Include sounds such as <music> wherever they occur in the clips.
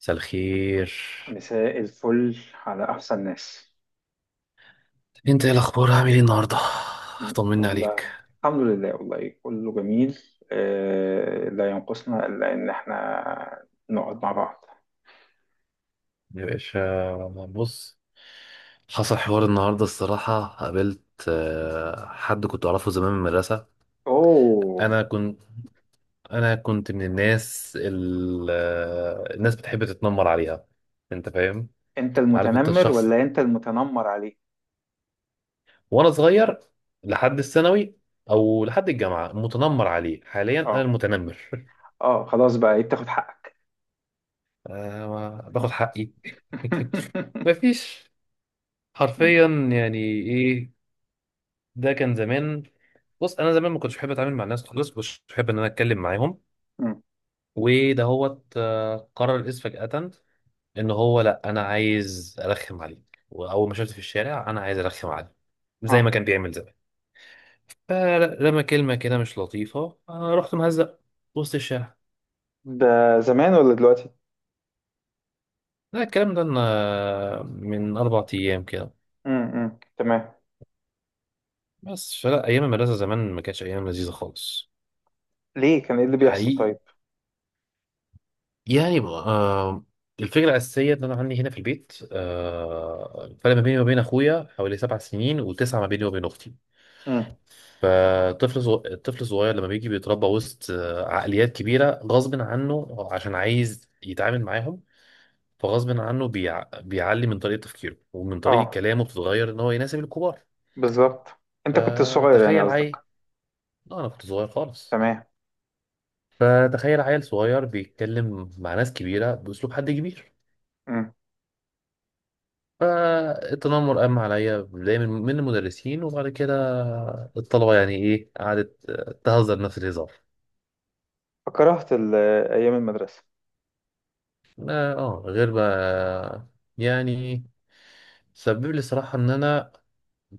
مساء الخير. مساء الفل على أحسن ناس. انت ايه الاخبار؟ عامل ايه النهارده؟ طمني عليك. والله الحمد لله، والله كله جميل. لا ينقصنا إلا إن إحنا نقعد مع بعض. يا باشا، بص، حصل حوار النهارده الصراحة. قابلت حد كنت أعرفه زمان من المدرسة. أوه، أنا كنت أنا كنت من الناس الناس بتحب تتنمر عليها. أنت فاهم؟ أنت عارف أنت المتنمر الشخص، ولا أنت المتنمر عليه؟ وأنا صغير لحد الثانوي أو لحد الجامعة متنمر عليه، حاليا أنا أه المتنمر. <laughs> أه خلاص بقى، إيه بتاخد حقك؟ آه، باخد حقي. <laughs> <laughs> مفيش، مم، حرفيا، يعني ايه. ده كان زمان. بص، انا زمان ما كنتش بحب اتعامل مع الناس خالص، مش بحب ان انا اتكلم معاهم. مم. وده هو قرر الاسم فجأة، ان هو لا انا عايز ارخم عليه. واول ما شفته في الشارع انا عايز ارخم عليه زي ما أه، كان بيعمل زمان. فرمى كلمة كده مش لطيفة، انا رحت مهزق وسط الشارع. ده زمان ولا دلوقتي؟ لا، الكلام ده أنا من 4 ايام كده. تمام. بس، فلا، ايام المدرسة زمان ما كانتش ايام لذيذة خالص. ليه، كان إيه اللي بيحصل حقيقي. طيب؟ يعني الفكرة الأساسية إن أنا عندي هنا في البيت، الفرق ما بيني وما بين أخويا حوالي 7 سنين، وتسعة ما بيني وبين أختي. مم. فالطفل الطفل الصغير لما بيجي بيتربى وسط عقليات كبيرة غصب عنه عشان عايز يتعامل معاهم. فغصب عنه بيعلي من طريقة تفكيره، ومن طريقة أه، كلامه بتتغير إن هو يناسب الكبار. بالظبط، أنت كنت صغير يعني فتخيل قصدك. عيل. لا أنا كنت صغير خالص. تمام. فتخيل عيل صغير بيتكلم مع ناس كبيرة بأسلوب حد كبير. م. فالتنمر قام عليا بداية من المدرسين وبعد كده الطلبة، يعني إيه قعدت تهزر نفس الهزار. فكرهت ال- أيام المدرسة. آه، آه، غير بقى. يعني سبب لي الصراحة إن أنا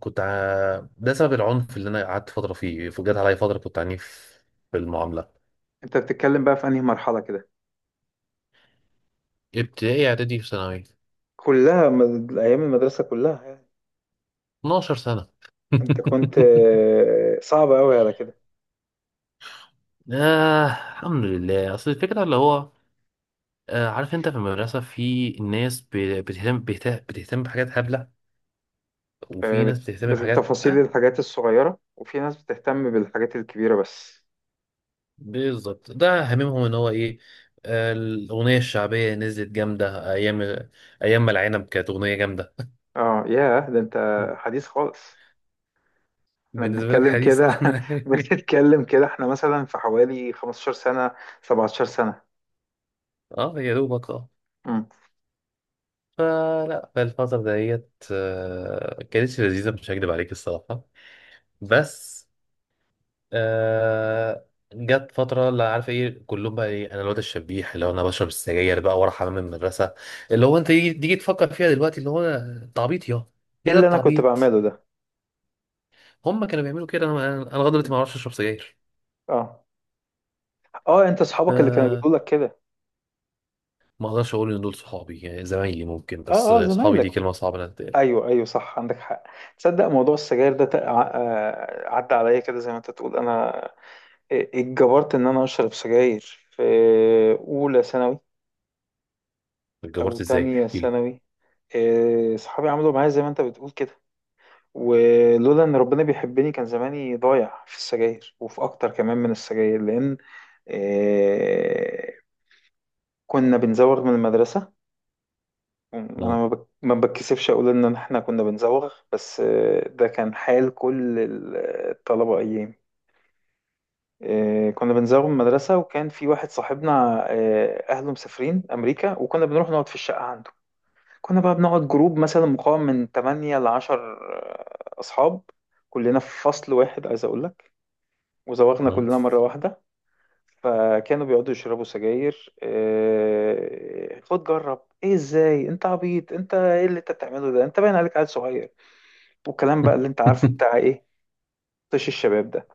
ده سبب العنف اللي أنا قعدت فترة فيه. جت عليا فترة كنت عنيف في المعاملة. أنت بتتكلم بقى في أنهي مرحلة كده؟ ابتدائي، إعدادي، في ثانوي، أيام المدرسة كلها يعني. 12 سنة. أنت كنت <laughs> صعب أوي على كده. الحمد لله. أصل الفكرة اللي هو عارف أنت في المدرسة في ناس بتهتم بحاجات هبلة، وفي ناس بتهتم بحاجات بالتفاصيل، الحاجات الصغيرة، وفي ناس بتهتم بالحاجات الكبيرة بس. بالظبط. ده هاممهم ان هو ايه. الاغنيه الشعبيه نزلت جامده ايام، ايام ما العنب كانت اغنيه جامده. اه ياه، ده انت حديث خالص. احنا بالنسبه لك بنتكلم حديثه. كده <laughs> انا، <laughs> بنتكلم كده احنا مثلا في حوالي 15 سنة، 17 سنة. اه يا دوبك، مم. فالفتره ديت كانتش لذيذه، مش هكدب عليك الصراحه. بس، آه جت فترة لا عارف ايه كلهم بقى ايه، انا الواد الشبيح اللي هو انا بشرب السجاير بقى ورا حمام المدرسة. اللي هو انت تيجي تفكر فيها دلوقتي، اللي هو التعبيط. يا ايه ايه ده اللي انا كنت التعبيط. بعمله ده؟ هم كانوا بيعملوا كده. انا لغاية دلوقتي ما اعرفش اشرب سجاير. اه اه، انت ف اصحابك اللي كانوا بيقولوا لك كده؟ ما اقدرش اقول ان دول صحابي، يعني زمايلي ممكن، بس اه اه، صحابي دي زمايلك. كلمة صعبة انها تتقال. ايوه ايوه، صح، عندك حق. تصدق موضوع السجاير ده عدى عليا كده زي ما انت تقول. اتجبرت ان انا اشرب سجاير في اولى ثانوي او اتجبرت ازاي تانية احكي لي. ثانوي. صحابي عملوا معايا زي ما انت بتقول كده، ولولا ان ربنا بيحبني كان زماني ضايع في السجاير وفي اكتر كمان من السجاير، لان إيه، كنا بنزوغ من المدرسة. انا مم. ما بتكسفش اقول ان احنا كنا بنزوغ، بس ده كان حال كل الطلبه ايام. كنا بنزوغ من المدرسه، وكان في واحد صاحبنا اهله مسافرين امريكا، وكنا بنروح نقعد في الشقه عنده. كنا بقى بنقعد جروب مثلا مقام من 8 ل 10 اصحاب، كلنا في فصل واحد عايز اقول لك، وزوغنا مم. كلنا مره واحده. فكانوا بيقعدوا يشربوا سجاير. خد جرب، ايه ازاي، انت عبيط، انت ايه اللي انت بتعمله ده، انت باين عليك عيل صغير، والكلام بقى اللي انت عارفه بتاع <laughs> ايه، طش الشباب ده.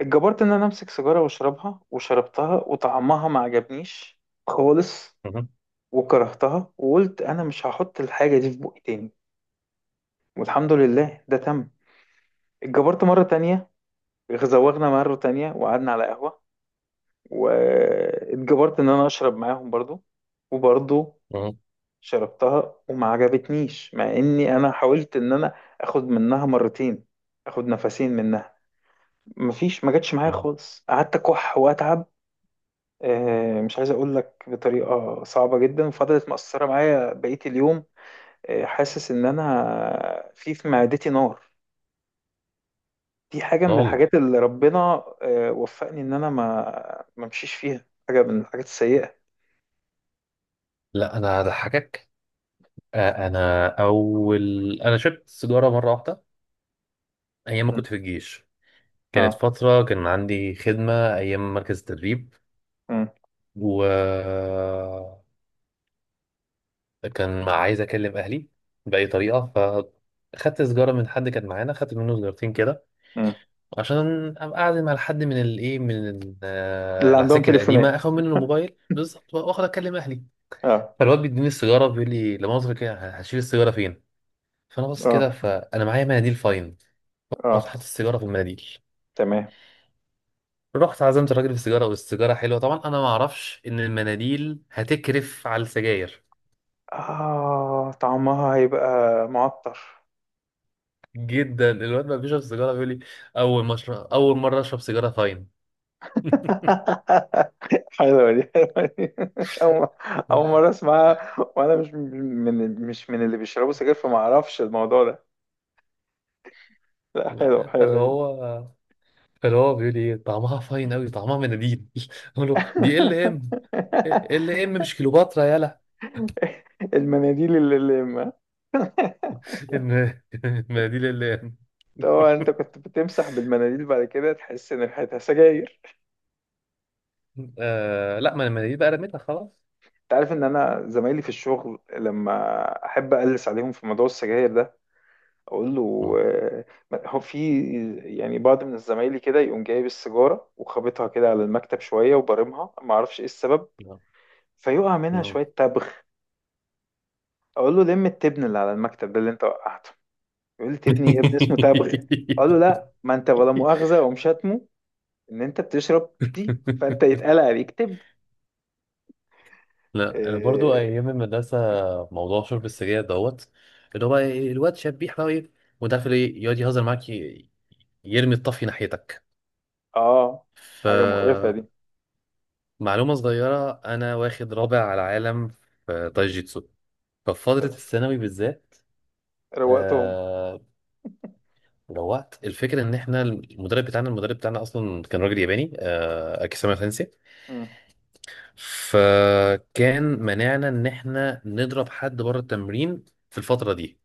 اتجبرت ان انا امسك سيجاره واشربها، وشربتها وطعمها ما عجبنيش خالص، مم. وكرهتها وقلت انا مش هحط الحاجه دي في بقي تاني، والحمد لله ده تم. اتجبرت مره تانية، زوغنا مره تانية وقعدنا على قهوه، واتجبرت ان انا اشرب معاهم برضو، وبرضه مم. شربتها وما عجبتنيش، مع اني انا حاولت ان انا اخد منها مرتين، اخد نفسين منها. مفيش، ما جاتش معايا مم. خالص، قعدت اكح واتعب. مش عايز اقول لك بطريقه صعبه جدا، فضلت مأثره معايا بقيه اليوم. حاسس ان انا في معدتي نار. دي حاجه لا من والله. الحاجات اللي ربنا وفقني ان انا ما امشيش فيها، حاجه من الحاجات السيئه. لا، انا هضحكك. انا اول انا شربت سيجاره مره واحده ايام ما م. كنت في الجيش. كانت اه. فتره كان عندي خدمه ايام مركز التدريب، م. و كان عايز اكلم اهلي باي طريقه. فخدت سيجاره من حد كان معانا، خدت منه سيجارتين كده م. عشان ابقى قاعد مع حد من الايه من ال- آه، اللي عندهم العساكر القديمه، تليفونات. اخد منه الموبايل بالظبط واخد اكلم اهلي. <laughs> اه فالواد بيديني السيجاره بيقول لي لمؤاخذه كده هشيل السيجاره فين. فانا بص كده، اه فانا معايا مناديل فاين. رحت اه. حاطط السيجاره في المناديل. تمام. رحت عزمت الراجل في السيجاره، والسيجاره حلوه طبعا. انا ما اعرفش ان المناديل هتكرف على السجاير آه، طعمها هيبقى معطر. جدا. الواد ما بيشرب سيجاره بيقول لي اول ما أشرب- اول مره اشرب سيجاره فاين. <laughs> حلوة دي، حلوة دي. <laughs> أول أول مرة أسمعها، وأنا مش من مش من اللي بيشربوا سجاير، فما أعرفش الموضوع ده. لا حلوة، لا، فاللي حلوة دي. هو فاللي هو بيقول لي ايه طعمها فاين قوي، طعمها مناديل. <laughs> اقول له دي ال ام، ال ام مش كليوباترا يالا. <laughs> المناديل اللي ما، <laughs> المناديل ال ام. طبعا أنت كنت بتمسح بالمناديل بعد كده تحس إن ريحتها سجاير. آه لا، ما المناديل بقى رميتها خلاص. أنت عارف إن أنا زمايلي في الشغل، لما أحب أقلس عليهم في موضوع السجاير ده اقول له، مم. هو في يعني بعض من زمايلي كده، يقوم جايب السيجاره وخابطها كده على المكتب شويه وبرمها، ما اعرفش ايه السبب، فيقع منها مم. شويه تبغ. اقول له لم التبن اللي على المكتب ده اللي انت وقعته، يقول لي تبني يا ابني اسمه تبغ، اقول له لا، ما انت ولا مؤاخذه، اقوم شاتمه ان انت بتشرب دي، فانت <laughs> يتقال عليك تبن. لا انا برضو اه. ايام المدرسه موضوع شرب السجاير دوت، اللي هو بقى الواد شاب بيحرق ايه، وده في ايه يقعد يهزر معاك، يرمي الطفي ناحيتك. آه، حاجه مقرفه فمعلومه دي. صغيره، انا واخد رابع على العالم في تايجيتسو ففي فتره تمام. الثانوي بالذات. روقتهم. آه روقت الفكره ان احنا المدرب بتاعنا اصلا كان راجل ياباني، اكيساما سensei. مم، فكان منعنا ان احنا نضرب حد بره التمرين في الفتره دي.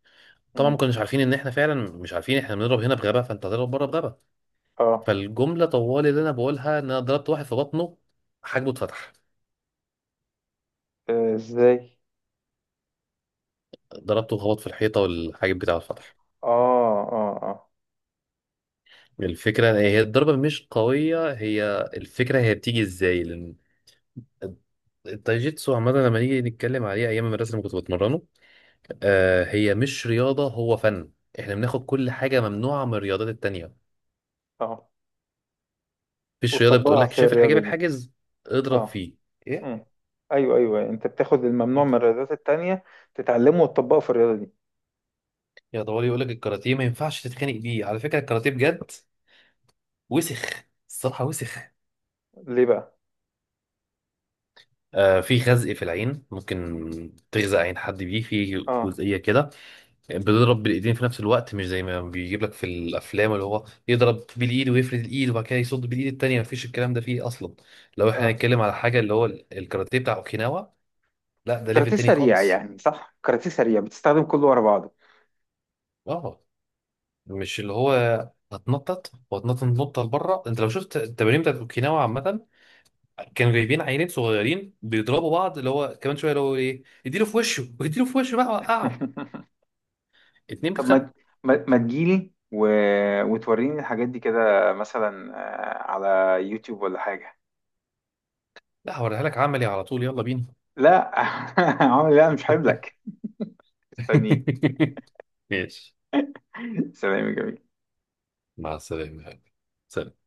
طبعا ما مم. كناش عارفين ان احنا فعلا مش عارفين. احنا بنضرب هنا بغبا، فانت هتضرب بره بغبا. اه. فالجمله طوال اللي انا بقولها ان انا ضربت واحد في بطنه، حاجبه اتفتح. آه، ازاي؟ ضربته خبط في الحيطه، والحاجب بتاعه اتفتح. اه اه اه. الفكره هي الضربه مش قويه، هي الفكره هي بتيجي ازاي، لان التايجيتسو عامه لما نيجي نتكلم عليه ايام المدرسه اللي كنت بتمرنه هي مش رياضه، هو فن. احنا بناخد كل حاجه ممنوعه من الرياضات التانيه. اه، مفيش رياضه بتقول وتطبقها لك في شايف الحاجب الرياضة دي. الحاجز اضرب اه. فيه. إيه؟ امم، ايوه ايوه، انت بتاخد الممنوع من الرياضات التانية، تتعلمه وتطبقه في الرياضة دي. يا طوالي يقول لك الكاراتيه ما ينفعش تتخانق بيه. على فكره الكاراتيه بجد وسخ، الصراحه وسخ. ليه بقى؟ في خزق في العين، ممكن تغزق عين حد بيه في اه جزئيه كده. بيضرب بالايدين في نفس الوقت، مش زي ما بيجيب لك في الافلام اللي هو يضرب بالايد ويفرد الايد وبعد كده يصد بالايد التانيه. مفيش الكلام ده فيه اصلا. لو احنا اه. هنتكلم على حاجه اللي هو الكاراتيه بتاع اوكيناوا، لا ده ليفل كاراتيه تاني سريع خالص. يعني، صح، كاراتيه سريع بتستخدم كله ورا بعضه. اه مش اللي هو هتنطط وهتنطط نطه لبره. انت لو شفت التمارين بتاعت اوكيناوا عامه كانوا جايبين عيلين صغيرين بيضربوا بعض، اللي هو كمان شويه اللي هو ايه اديله في وشه واديله في وشه بقى وقعه. <laughs> اتنين طب ما، بيتخانقوا. ما تجيلي وتوريني الحاجات دي كده مثلا، على يوتيوب ولا حاجة. لا هوريها لك عملي على طول، يلا بينا. لا <laughs> عمري، لا مش هجيب لك، استنيك. <laughs> ماشي. سلام يا جميل. مع السلامه يا حبيبي. سلام.